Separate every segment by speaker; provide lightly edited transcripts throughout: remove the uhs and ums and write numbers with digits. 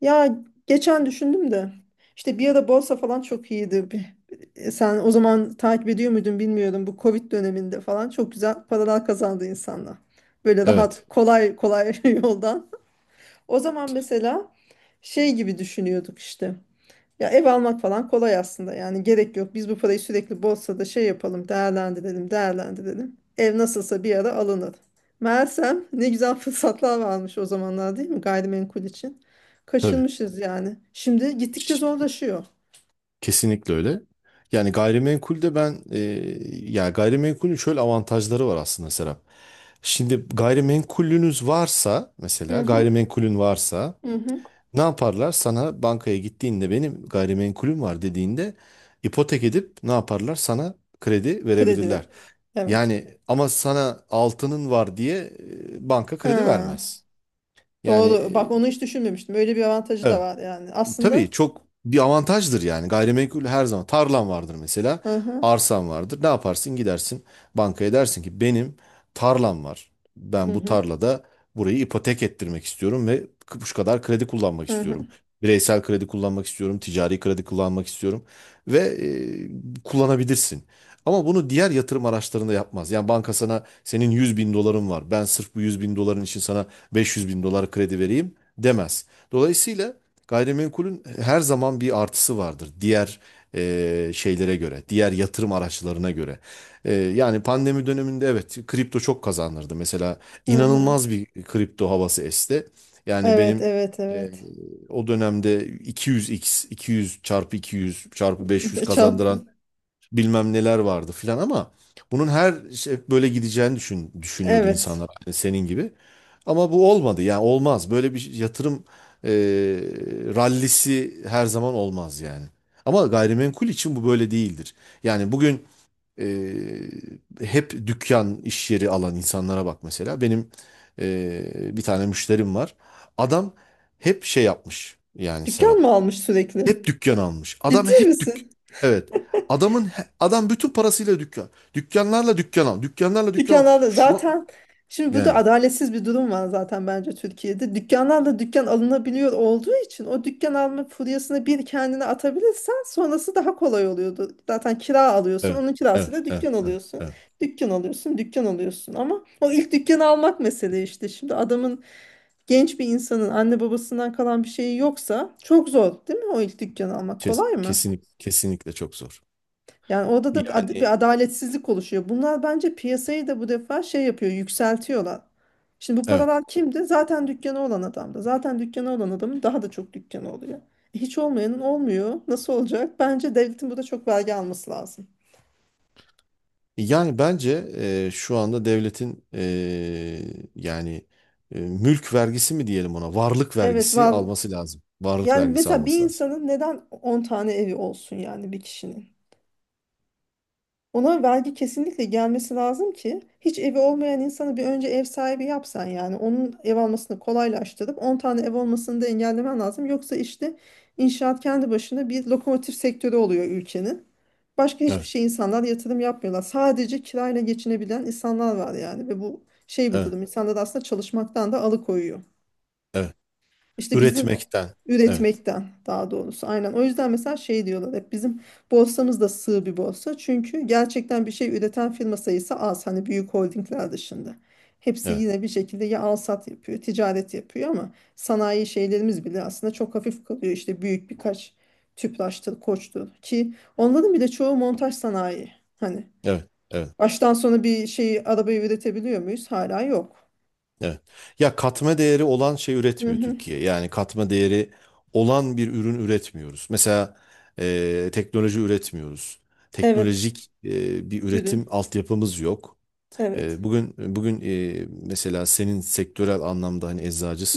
Speaker 1: Ya geçen düşündüm de işte bir ara borsa falan çok iyiydi. Sen o zaman takip ediyor muydun bilmiyorum. Bu Covid döneminde falan çok güzel paralar kazandı insanlar. Böyle rahat
Speaker 2: Evet,
Speaker 1: kolay kolay yoldan. O zaman mesela şey gibi düşünüyorduk işte. Ya ev almak falan kolay aslında yani gerek yok. Biz bu parayı sürekli borsada şey yapalım, değerlendirelim, değerlendirelim. Ev nasılsa bir ara alınır. Meğersem ne güzel fırsatlar varmış o zamanlar değil mi gayrimenkul için?
Speaker 2: tabii.
Speaker 1: Kaçırmışız yani. Şimdi gittikçe zorlaşıyor.
Speaker 2: Kesinlikle öyle. Yani gayrimenkulde ben ya gayrimenkulün şöyle avantajları var aslında Serap. Şimdi gayrimenkulünüz varsa
Speaker 1: Hı
Speaker 2: mesela
Speaker 1: hı,
Speaker 2: gayrimenkulün varsa
Speaker 1: hı hı.
Speaker 2: ne yaparlar? Sana bankaya gittiğinde benim gayrimenkulüm var dediğinde ipotek edip ne yaparlar? Sana kredi
Speaker 1: Kredi ver.
Speaker 2: verebilirler.
Speaker 1: Evet.
Speaker 2: Yani ama sana altının var diye banka kredi
Speaker 1: Ha,
Speaker 2: vermez. Yani
Speaker 1: doğru. Bak
Speaker 2: e,
Speaker 1: onu hiç düşünmemiştim. Öyle bir avantajı da
Speaker 2: evet.
Speaker 1: var yani.
Speaker 2: Tabii
Speaker 1: Aslında.
Speaker 2: çok bir avantajdır yani. Gayrimenkul her zaman tarlan vardır mesela.
Speaker 1: Hı hı,
Speaker 2: Arsan vardır. Ne yaparsın? Gidersin bankaya dersin ki benim tarlam var.
Speaker 1: hı
Speaker 2: Ben bu
Speaker 1: hı,
Speaker 2: tarlada burayı ipotek ettirmek istiyorum ve şu kadar kredi kullanmak
Speaker 1: hı
Speaker 2: istiyorum.
Speaker 1: hı,
Speaker 2: Bireysel kredi kullanmak istiyorum, ticari kredi kullanmak istiyorum ve kullanabilirsin. Ama bunu diğer yatırım araçlarında yapmaz. Yani banka sana senin 100 bin doların var. Ben sırf bu 100 bin doların için sana 500 bin dolar kredi vereyim demez. Dolayısıyla gayrimenkulün her zaman bir artısı vardır diğer şeylere göre, diğer yatırım araçlarına göre. Yani pandemi döneminde evet kripto çok kazandırdı. Mesela
Speaker 1: hı hı.
Speaker 2: inanılmaz bir kripto havası esti. Yani
Speaker 1: Evet,
Speaker 2: benim
Speaker 1: evet,
Speaker 2: e,
Speaker 1: evet.
Speaker 2: o dönemde 200x, 200 çarpı 200 çarpı 500
Speaker 1: Çarp.
Speaker 2: kazandıran bilmem neler vardı filan ama bunun her şey böyle gideceğini düşünüyordu
Speaker 1: Evet.
Speaker 2: insanlar hani senin gibi. Ama bu olmadı yani olmaz böyle bir yatırım e, rallisi her zaman olmaz yani. Ama gayrimenkul için bu böyle değildir. Yani bugün e, hep dükkan iş yeri alan insanlara bak mesela benim bir tane müşterim var. Adam hep şey yapmış yani
Speaker 1: Dükkan
Speaker 2: Serap.
Speaker 1: mı almış sürekli?
Speaker 2: Hep dükkan almış. Adam
Speaker 1: Ciddi
Speaker 2: hep dük.
Speaker 1: misin?
Speaker 2: Evet. Adamın adam bütün parasıyla dükkan. Dükkanlarla dükkan al. Dükkanlarla dükkan al.
Speaker 1: Dükkanlarda zaten şimdi bu da
Speaker 2: Yani
Speaker 1: adaletsiz bir durum var zaten bence Türkiye'de. Dükkanlarla dükkan alınabiliyor olduğu için o dükkan alma furyasını bir kendine atabilirsen sonrası daha kolay oluyordu. Zaten kira alıyorsun,
Speaker 2: evet.
Speaker 1: onun
Speaker 2: Evet.
Speaker 1: kirasıyla
Speaker 2: Evet.
Speaker 1: dükkan
Speaker 2: Evet.
Speaker 1: alıyorsun.
Speaker 2: Evet.
Speaker 1: Dükkan alıyorsun, dükkan alıyorsun ama o ilk dükkanı almak mesele işte. Şimdi adamın genç bir insanın anne babasından kalan bir şeyi yoksa çok zor değil mi? O ilk dükkanı almak kolay mı?
Speaker 2: Kesinlikle çok zor.
Speaker 1: Yani orada da bir
Speaker 2: Yani
Speaker 1: adaletsizlik oluşuyor. Bunlar bence piyasayı da bu defa şey yapıyor, yükseltiyorlar. Şimdi bu
Speaker 2: evet.
Speaker 1: paralar kimdi? Zaten dükkanı olan adamdı. Zaten dükkanı olan adamın daha da çok dükkanı oluyor. Hiç olmayanın olmuyor. Nasıl olacak? Bence devletin burada çok vergi alması lazım.
Speaker 2: Yani bence şu anda devletin yani mülk vergisi mi diyelim ona? Varlık
Speaker 1: Evet,
Speaker 2: vergisi
Speaker 1: var.
Speaker 2: alması lazım. Varlık
Speaker 1: Yani
Speaker 2: vergisi
Speaker 1: mesela bir
Speaker 2: alması lazım.
Speaker 1: insanın neden 10 tane evi olsun yani bir kişinin? Ona vergi kesinlikle gelmesi lazım ki hiç evi olmayan insanı bir önce ev sahibi yapsan yani onun ev almasını kolaylaştırıp 10 tane ev olmasını da engellemen lazım. Yoksa işte inşaat kendi başına bir lokomotif sektörü oluyor ülkenin. Başka hiçbir
Speaker 2: Evet.
Speaker 1: şey insanlar yatırım yapmıyorlar. Sadece kirayla geçinebilen insanlar var yani ve bu şey bir
Speaker 2: Evet.
Speaker 1: durum. İnsanları aslında çalışmaktan da alıkoyuyor.
Speaker 2: Evet.
Speaker 1: İşte
Speaker 2: Üretmekten. Evet.
Speaker 1: üretmekten daha doğrusu aynen. O yüzden mesela şey diyorlar hep bizim borsamız da sığ bir borsa. Çünkü gerçekten bir şey üreten firma sayısı az. Hani büyük holdingler dışında. Hepsi
Speaker 2: Evet.
Speaker 1: yine bir şekilde ya alsat yapıyor, ticaret yapıyor ama sanayi şeylerimiz bile aslında çok hafif kalıyor. İşte büyük birkaç Tüpraş'tır, Koç'tur ki onların bile çoğu montaj sanayi. Hani
Speaker 2: Evet. Evet.
Speaker 1: baştan sona bir şeyi arabayı üretebiliyor muyuz? Hala yok.
Speaker 2: Evet. Ya katma değeri olan şey
Speaker 1: Hı
Speaker 2: üretmiyor
Speaker 1: hı.
Speaker 2: Türkiye. Yani katma değeri olan bir ürün üretmiyoruz. Mesela teknoloji üretmiyoruz.
Speaker 1: Evet,
Speaker 2: Teknolojik bir üretim
Speaker 1: ürün.
Speaker 2: altyapımız yok.
Speaker 1: Evet.
Speaker 2: Bugün mesela senin sektörel anlamda hani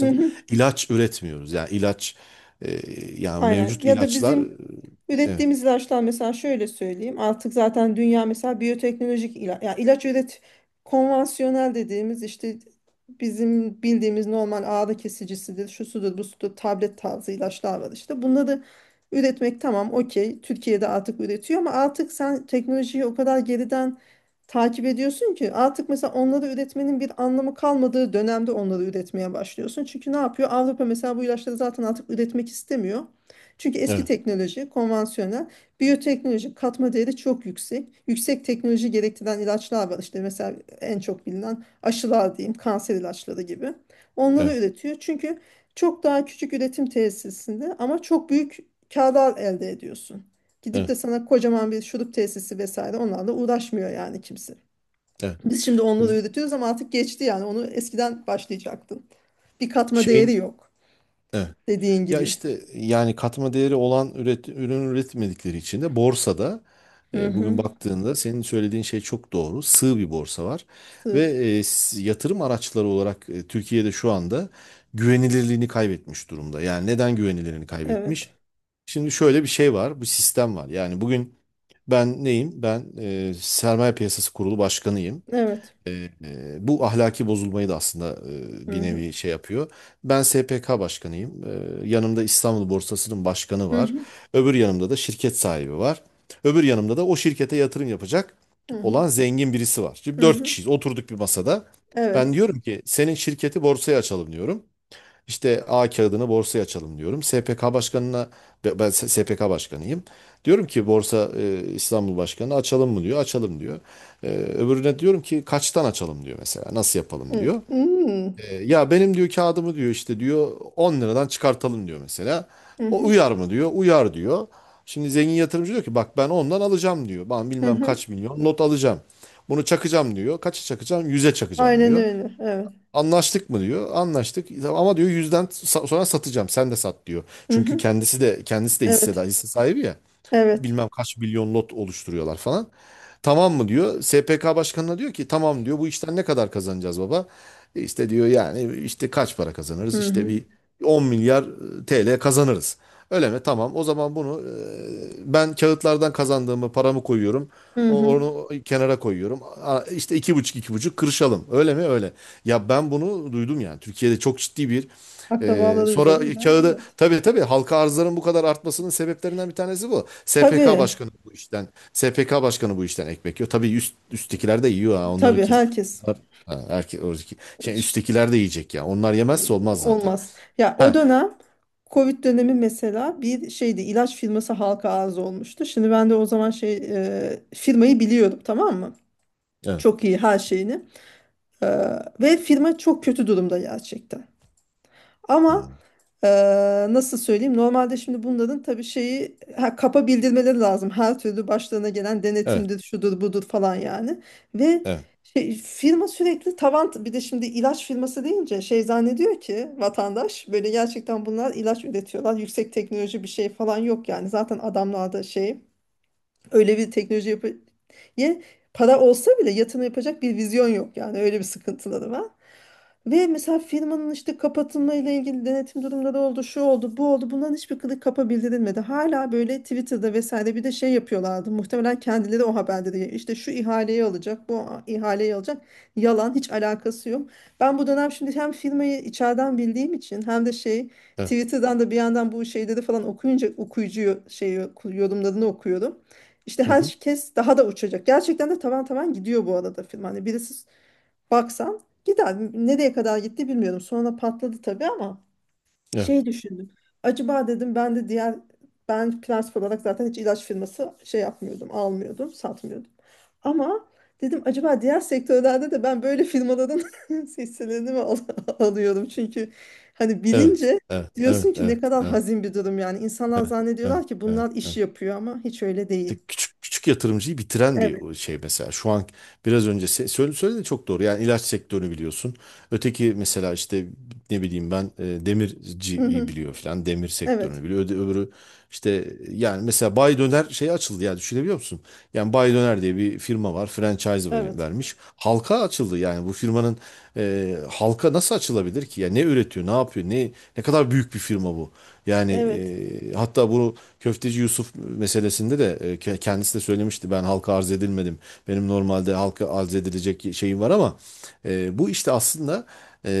Speaker 1: Hı hı.
Speaker 2: İlaç üretmiyoruz. Yani ilaç e, yani
Speaker 1: Aynen.
Speaker 2: mevcut
Speaker 1: Ya da
Speaker 2: ilaçlar
Speaker 1: bizim
Speaker 2: e,
Speaker 1: ürettiğimiz ilaçlar mesela şöyle söyleyeyim. Artık zaten dünya mesela biyoteknolojik ilaç, ya ilaç üret konvansiyonel dediğimiz işte bizim bildiğimiz normal ağrı kesicisidir, şu sudur, bu sudur, tablet tarzı ilaçlar var işte. Bunları üretmek tamam okey. Türkiye'de artık üretiyor ama artık sen teknolojiyi o kadar geriden takip ediyorsun ki artık mesela onları üretmenin bir anlamı kalmadığı dönemde onları üretmeye başlıyorsun. Çünkü ne yapıyor? Avrupa mesela bu ilaçları zaten artık üretmek istemiyor. Çünkü eski
Speaker 2: evet
Speaker 1: teknoloji, konvansiyonel, biyoteknoloji katma değeri çok yüksek. Yüksek teknoloji gerektiren ilaçlar var. İşte mesela en çok bilinen aşılar diyeyim, kanser ilaçları gibi. Onları
Speaker 2: evet
Speaker 1: üretiyor. Çünkü çok daha küçük üretim tesisinde ama çok büyük kârlar elde ediyorsun. Gidip de
Speaker 2: evet
Speaker 1: sana kocaman bir şurup tesisi vesaire onlarla uğraşmıyor yani kimse.
Speaker 2: evet
Speaker 1: Biz şimdi onları
Speaker 2: evet.
Speaker 1: üretiyoruz ama artık geçti yani onu eskiden başlayacaktın. Bir katma değeri
Speaker 2: Şeyin
Speaker 1: yok
Speaker 2: evet.
Speaker 1: dediğin
Speaker 2: Ya
Speaker 1: gibi.
Speaker 2: işte yani katma değeri olan ürün üretmedikleri için de borsada
Speaker 1: Hı
Speaker 2: bugün
Speaker 1: hı.
Speaker 2: baktığında senin söylediğin şey çok doğru. Sığ bir borsa var ve
Speaker 1: Sığ.
Speaker 2: yatırım araçları olarak Türkiye'de şu anda güvenilirliğini kaybetmiş durumda. Yani neden güvenilirliğini
Speaker 1: Evet.
Speaker 2: kaybetmiş? Şimdi şöyle bir şey var, bu sistem var. Yani bugün ben neyim? Ben Sermaye Piyasası Kurulu Başkanıyım.
Speaker 1: Evet.
Speaker 2: Bu ahlaki bozulmayı da aslında
Speaker 1: Hı
Speaker 2: bir
Speaker 1: hı.
Speaker 2: nevi şey yapıyor. Ben SPK başkanıyım. Yanımda İstanbul Borsası'nın başkanı
Speaker 1: Hı
Speaker 2: var.
Speaker 1: hı.
Speaker 2: Öbür yanımda da şirket sahibi var. Öbür yanımda da o şirkete yatırım yapacak
Speaker 1: Hı hı.
Speaker 2: olan zengin birisi var. Şimdi
Speaker 1: Hı
Speaker 2: dört
Speaker 1: hı.
Speaker 2: kişiyiz. Oturduk bir masada.
Speaker 1: Evet.
Speaker 2: Ben diyorum ki senin şirketi borsaya açalım diyorum. İşte A kağıdını borsaya açalım diyorum. SPK başkanına ben SPK başkanıyım. Diyorum ki Borsa İstanbul Başkanı açalım mı diyor. Açalım diyor. Öbürüne diyorum ki kaçtan açalım diyor mesela. Nasıl yapalım
Speaker 1: Hı
Speaker 2: diyor.
Speaker 1: hı.
Speaker 2: Ya benim diyor kağıdımı diyor işte diyor 10 liradan çıkartalım diyor mesela.
Speaker 1: Hı
Speaker 2: O
Speaker 1: hı.
Speaker 2: uyar mı diyor. Uyar diyor. Şimdi zengin yatırımcı diyor ki bak ben ondan alacağım diyor. Ben
Speaker 1: Hı
Speaker 2: bilmem
Speaker 1: hı.
Speaker 2: kaç milyon not alacağım. Bunu çakacağım diyor. Kaça çakacağım? 100'e çakacağım
Speaker 1: Aynen
Speaker 2: diyor.
Speaker 1: öyle. Evet.
Speaker 2: Anlaştık mı diyor. Anlaştık. Tamam. Ama diyor yüzden sonra satacağım. Sen de sat diyor.
Speaker 1: Hı
Speaker 2: Çünkü
Speaker 1: hı.
Speaker 2: kendisi de
Speaker 1: Evet.
Speaker 2: hissedar, hisse sahibi ya.
Speaker 1: Evet.
Speaker 2: Bilmem kaç milyon lot oluşturuyorlar falan. Tamam mı diyor. SPK başkanına diyor ki tamam diyor. Bu işten ne kadar kazanacağız baba? İşte diyor yani işte kaç para kazanırız?
Speaker 1: Hı
Speaker 2: İşte
Speaker 1: hı.
Speaker 2: bir 10 milyar TL kazanırız. Öyle mi? Tamam. O zaman bunu ben kağıtlardan kazandığımı paramı koyuyorum.
Speaker 1: Hı hı.
Speaker 2: Onu kenara koyuyorum. Aa, İşte iki buçuk iki buçuk kırışalım. Öyle mi? Öyle. Ya ben bunu duydum yani. Türkiye'de çok ciddi bir
Speaker 1: Akrabaları
Speaker 2: sonra
Speaker 1: üzerinden.
Speaker 2: kağıdı
Speaker 1: Evet.
Speaker 2: tabii tabii halka arzların bu kadar artmasının sebeplerinden bir tanesi bu. SPK
Speaker 1: Tabii.
Speaker 2: başkanı bu işten. SPK başkanı bu işten ekmek yiyor. Tabii üsttekiler de yiyor ha. Onları
Speaker 1: Tabii
Speaker 2: kes.
Speaker 1: herkes
Speaker 2: Onlar, ha, şey,
Speaker 1: hiç
Speaker 2: üsttekiler de yiyecek ya. Onlar yemezse olmaz zaten.
Speaker 1: olmaz. Ya o
Speaker 2: Ha,
Speaker 1: dönem Covid dönemi mesela bir şeydi ilaç firması halka arz olmuştu. Şimdi ben de o zaman firmayı biliyordum tamam mı?
Speaker 2: evet.
Speaker 1: Çok iyi her şeyini. E, Ve firma çok kötü durumda gerçekten. Ama
Speaker 2: Hmm.
Speaker 1: Nasıl söyleyeyim? Normalde şimdi bunların tabii şeyi ha, kapa bildirmeleri lazım. Her türlü başlarına gelen
Speaker 2: Evet.
Speaker 1: denetimdir, şudur budur falan yani. Ve
Speaker 2: Evet.
Speaker 1: şey, firma sürekli tavan bir de şimdi ilaç firması deyince şey zannediyor ki vatandaş böyle gerçekten bunlar ilaç üretiyorlar. Yüksek teknoloji bir şey falan yok yani. Zaten adamlarda şey öyle bir teknoloji yapı ye para olsa bile yatırım yapacak bir vizyon yok yani öyle bir sıkıntıları var. Ve mesela firmanın işte kapatılma ile ilgili denetim durumları oldu, şu oldu, bu oldu. Bunların hiçbir kılık kapa bildirilmedi. Hala böyle Twitter'da vesaire bir de şey yapıyorlardı. Muhtemelen kendileri o haberleri işte şu ihaleyi alacak, bu ihaleyi alacak. Yalan, hiç alakası yok. Ben bu dönem şimdi hem firmayı içeriden bildiğim için hem de şey
Speaker 2: Evet.
Speaker 1: Twitter'dan da bir yandan bu şeyleri falan okuyunca okuyucu şey yorumlarını okuyorum. İşte
Speaker 2: Hı hı.
Speaker 1: herkes daha da uçacak. Gerçekten de tavan tavan gidiyor bu arada film. Hani birisi baksan gider. Nereye kadar gitti bilmiyorum. Sonra patladı tabii ama
Speaker 2: Evet.
Speaker 1: şey düşündüm. Acaba dedim ben de diğer ben prensip olarak zaten hiç ilaç firması şey yapmıyordum, almıyordum, satmıyordum. Ama dedim acaba diğer sektörlerde de ben böyle firmaların hisselerini mi alıyorum? Çünkü hani
Speaker 2: Evet,
Speaker 1: bilince
Speaker 2: evet, evet,
Speaker 1: diyorsun ki ne
Speaker 2: evet,
Speaker 1: kadar
Speaker 2: evet,
Speaker 1: hazin bir durum yani. İnsanlar
Speaker 2: evet,
Speaker 1: zannediyorlar ki
Speaker 2: evet,
Speaker 1: bunlar iş
Speaker 2: evet.
Speaker 1: yapıyor ama hiç öyle
Speaker 2: İşte
Speaker 1: değil.
Speaker 2: küçük küçük yatırımcıyı bitiren
Speaker 1: Evet.
Speaker 2: bir şey mesela. Şu an biraz önce söyle söyledi çok doğru. Yani ilaç sektörünü biliyorsun. Öteki mesela işte ne bileyim ben
Speaker 1: Hı hı.
Speaker 2: demirciyi biliyor falan. Demir
Speaker 1: Evet.
Speaker 2: sektörünü biliyor. Öbürü işte yani mesela Bay Döner şey açıldı ya düşünebiliyor musun? Yani Bay Döner diye bir firma var. Franchise
Speaker 1: Evet.
Speaker 2: vermiş. Halka açıldı yani bu firmanın halka nasıl açılabilir ki? Ya ne üretiyor, ne yapıyor, ne ne kadar büyük bir firma bu. Yani
Speaker 1: Evet.
Speaker 2: hatta bunu Köfteci Yusuf meselesinde de kendisi de söylemişti. Ben halka arz edilmedim. Benim normalde halka arz edilecek şeyim var ama bu işte aslında e,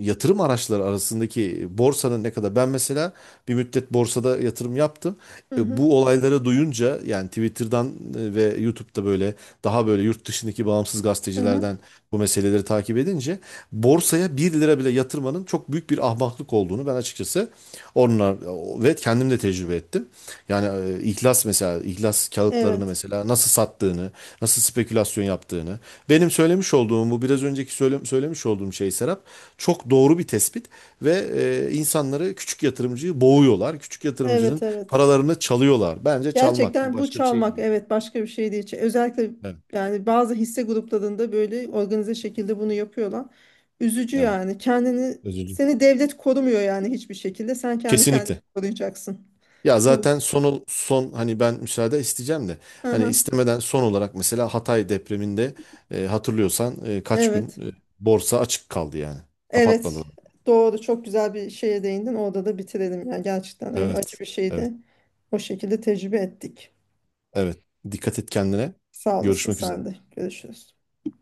Speaker 2: yatırım araçları arasındaki borsanın ne kadar ben mesela bir müddet borsada yatırım yaptım.
Speaker 1: Hı hı.
Speaker 2: Bu olayları duyunca yani Twitter'dan ve YouTube'da böyle daha böyle yurt dışındaki bağımsız
Speaker 1: Hı hı.
Speaker 2: gazetecilerden bu meseleleri takip edince borsaya bir lira bile yatırmanın çok büyük bir ahmaklık olduğunu ben açıkçası onlar ve kendim de tecrübe ettim. Yani İhlas mesela İhlas kağıtlarını
Speaker 1: Evet.
Speaker 2: mesela nasıl sattığını, nasıl spekülasyon yaptığını. Benim söylemiş olduğum bu biraz önceki söylemiş olduğum şey Serap çok doğru bir tespit ve insanları küçük yatırımcıyı boğuyorlar. Küçük
Speaker 1: Evet,
Speaker 2: yatırımcının
Speaker 1: evet.
Speaker 2: paralarını çalıyorlar. Bence çalmak bu
Speaker 1: Gerçekten bu
Speaker 2: başka bir şey
Speaker 1: çalmak
Speaker 2: değil.
Speaker 1: evet başka bir şey değil. Özellikle
Speaker 2: Evet,
Speaker 1: yani bazı hisse gruplarında böyle organize şekilde bunu yapıyorlar. Üzücü
Speaker 2: evet.
Speaker 1: yani.
Speaker 2: Özür dilerim.
Speaker 1: Seni devlet korumuyor yani hiçbir şekilde. Sen kendi kendini
Speaker 2: Kesinlikle.
Speaker 1: koruyacaksın.
Speaker 2: Ya
Speaker 1: Bu.
Speaker 2: zaten son son hani ben müsaade isteyeceğim de
Speaker 1: Hı
Speaker 2: hani
Speaker 1: hı.
Speaker 2: istemeden son olarak mesela Hatay depreminde hatırlıyorsan kaç gün
Speaker 1: Evet.
Speaker 2: borsa açık kaldı yani.
Speaker 1: Evet.
Speaker 2: Kapatmadılar.
Speaker 1: Doğru. Çok güzel bir şeye değindin. Orada da bitirelim. Yani gerçekten öyle acı
Speaker 2: Evet.
Speaker 1: bir
Speaker 2: Evet.
Speaker 1: şeydi. O şekilde tecrübe ettik.
Speaker 2: Evet. Dikkat et kendine.
Speaker 1: Sağ olasın
Speaker 2: Görüşmek üzere.
Speaker 1: sen de. Görüşürüz.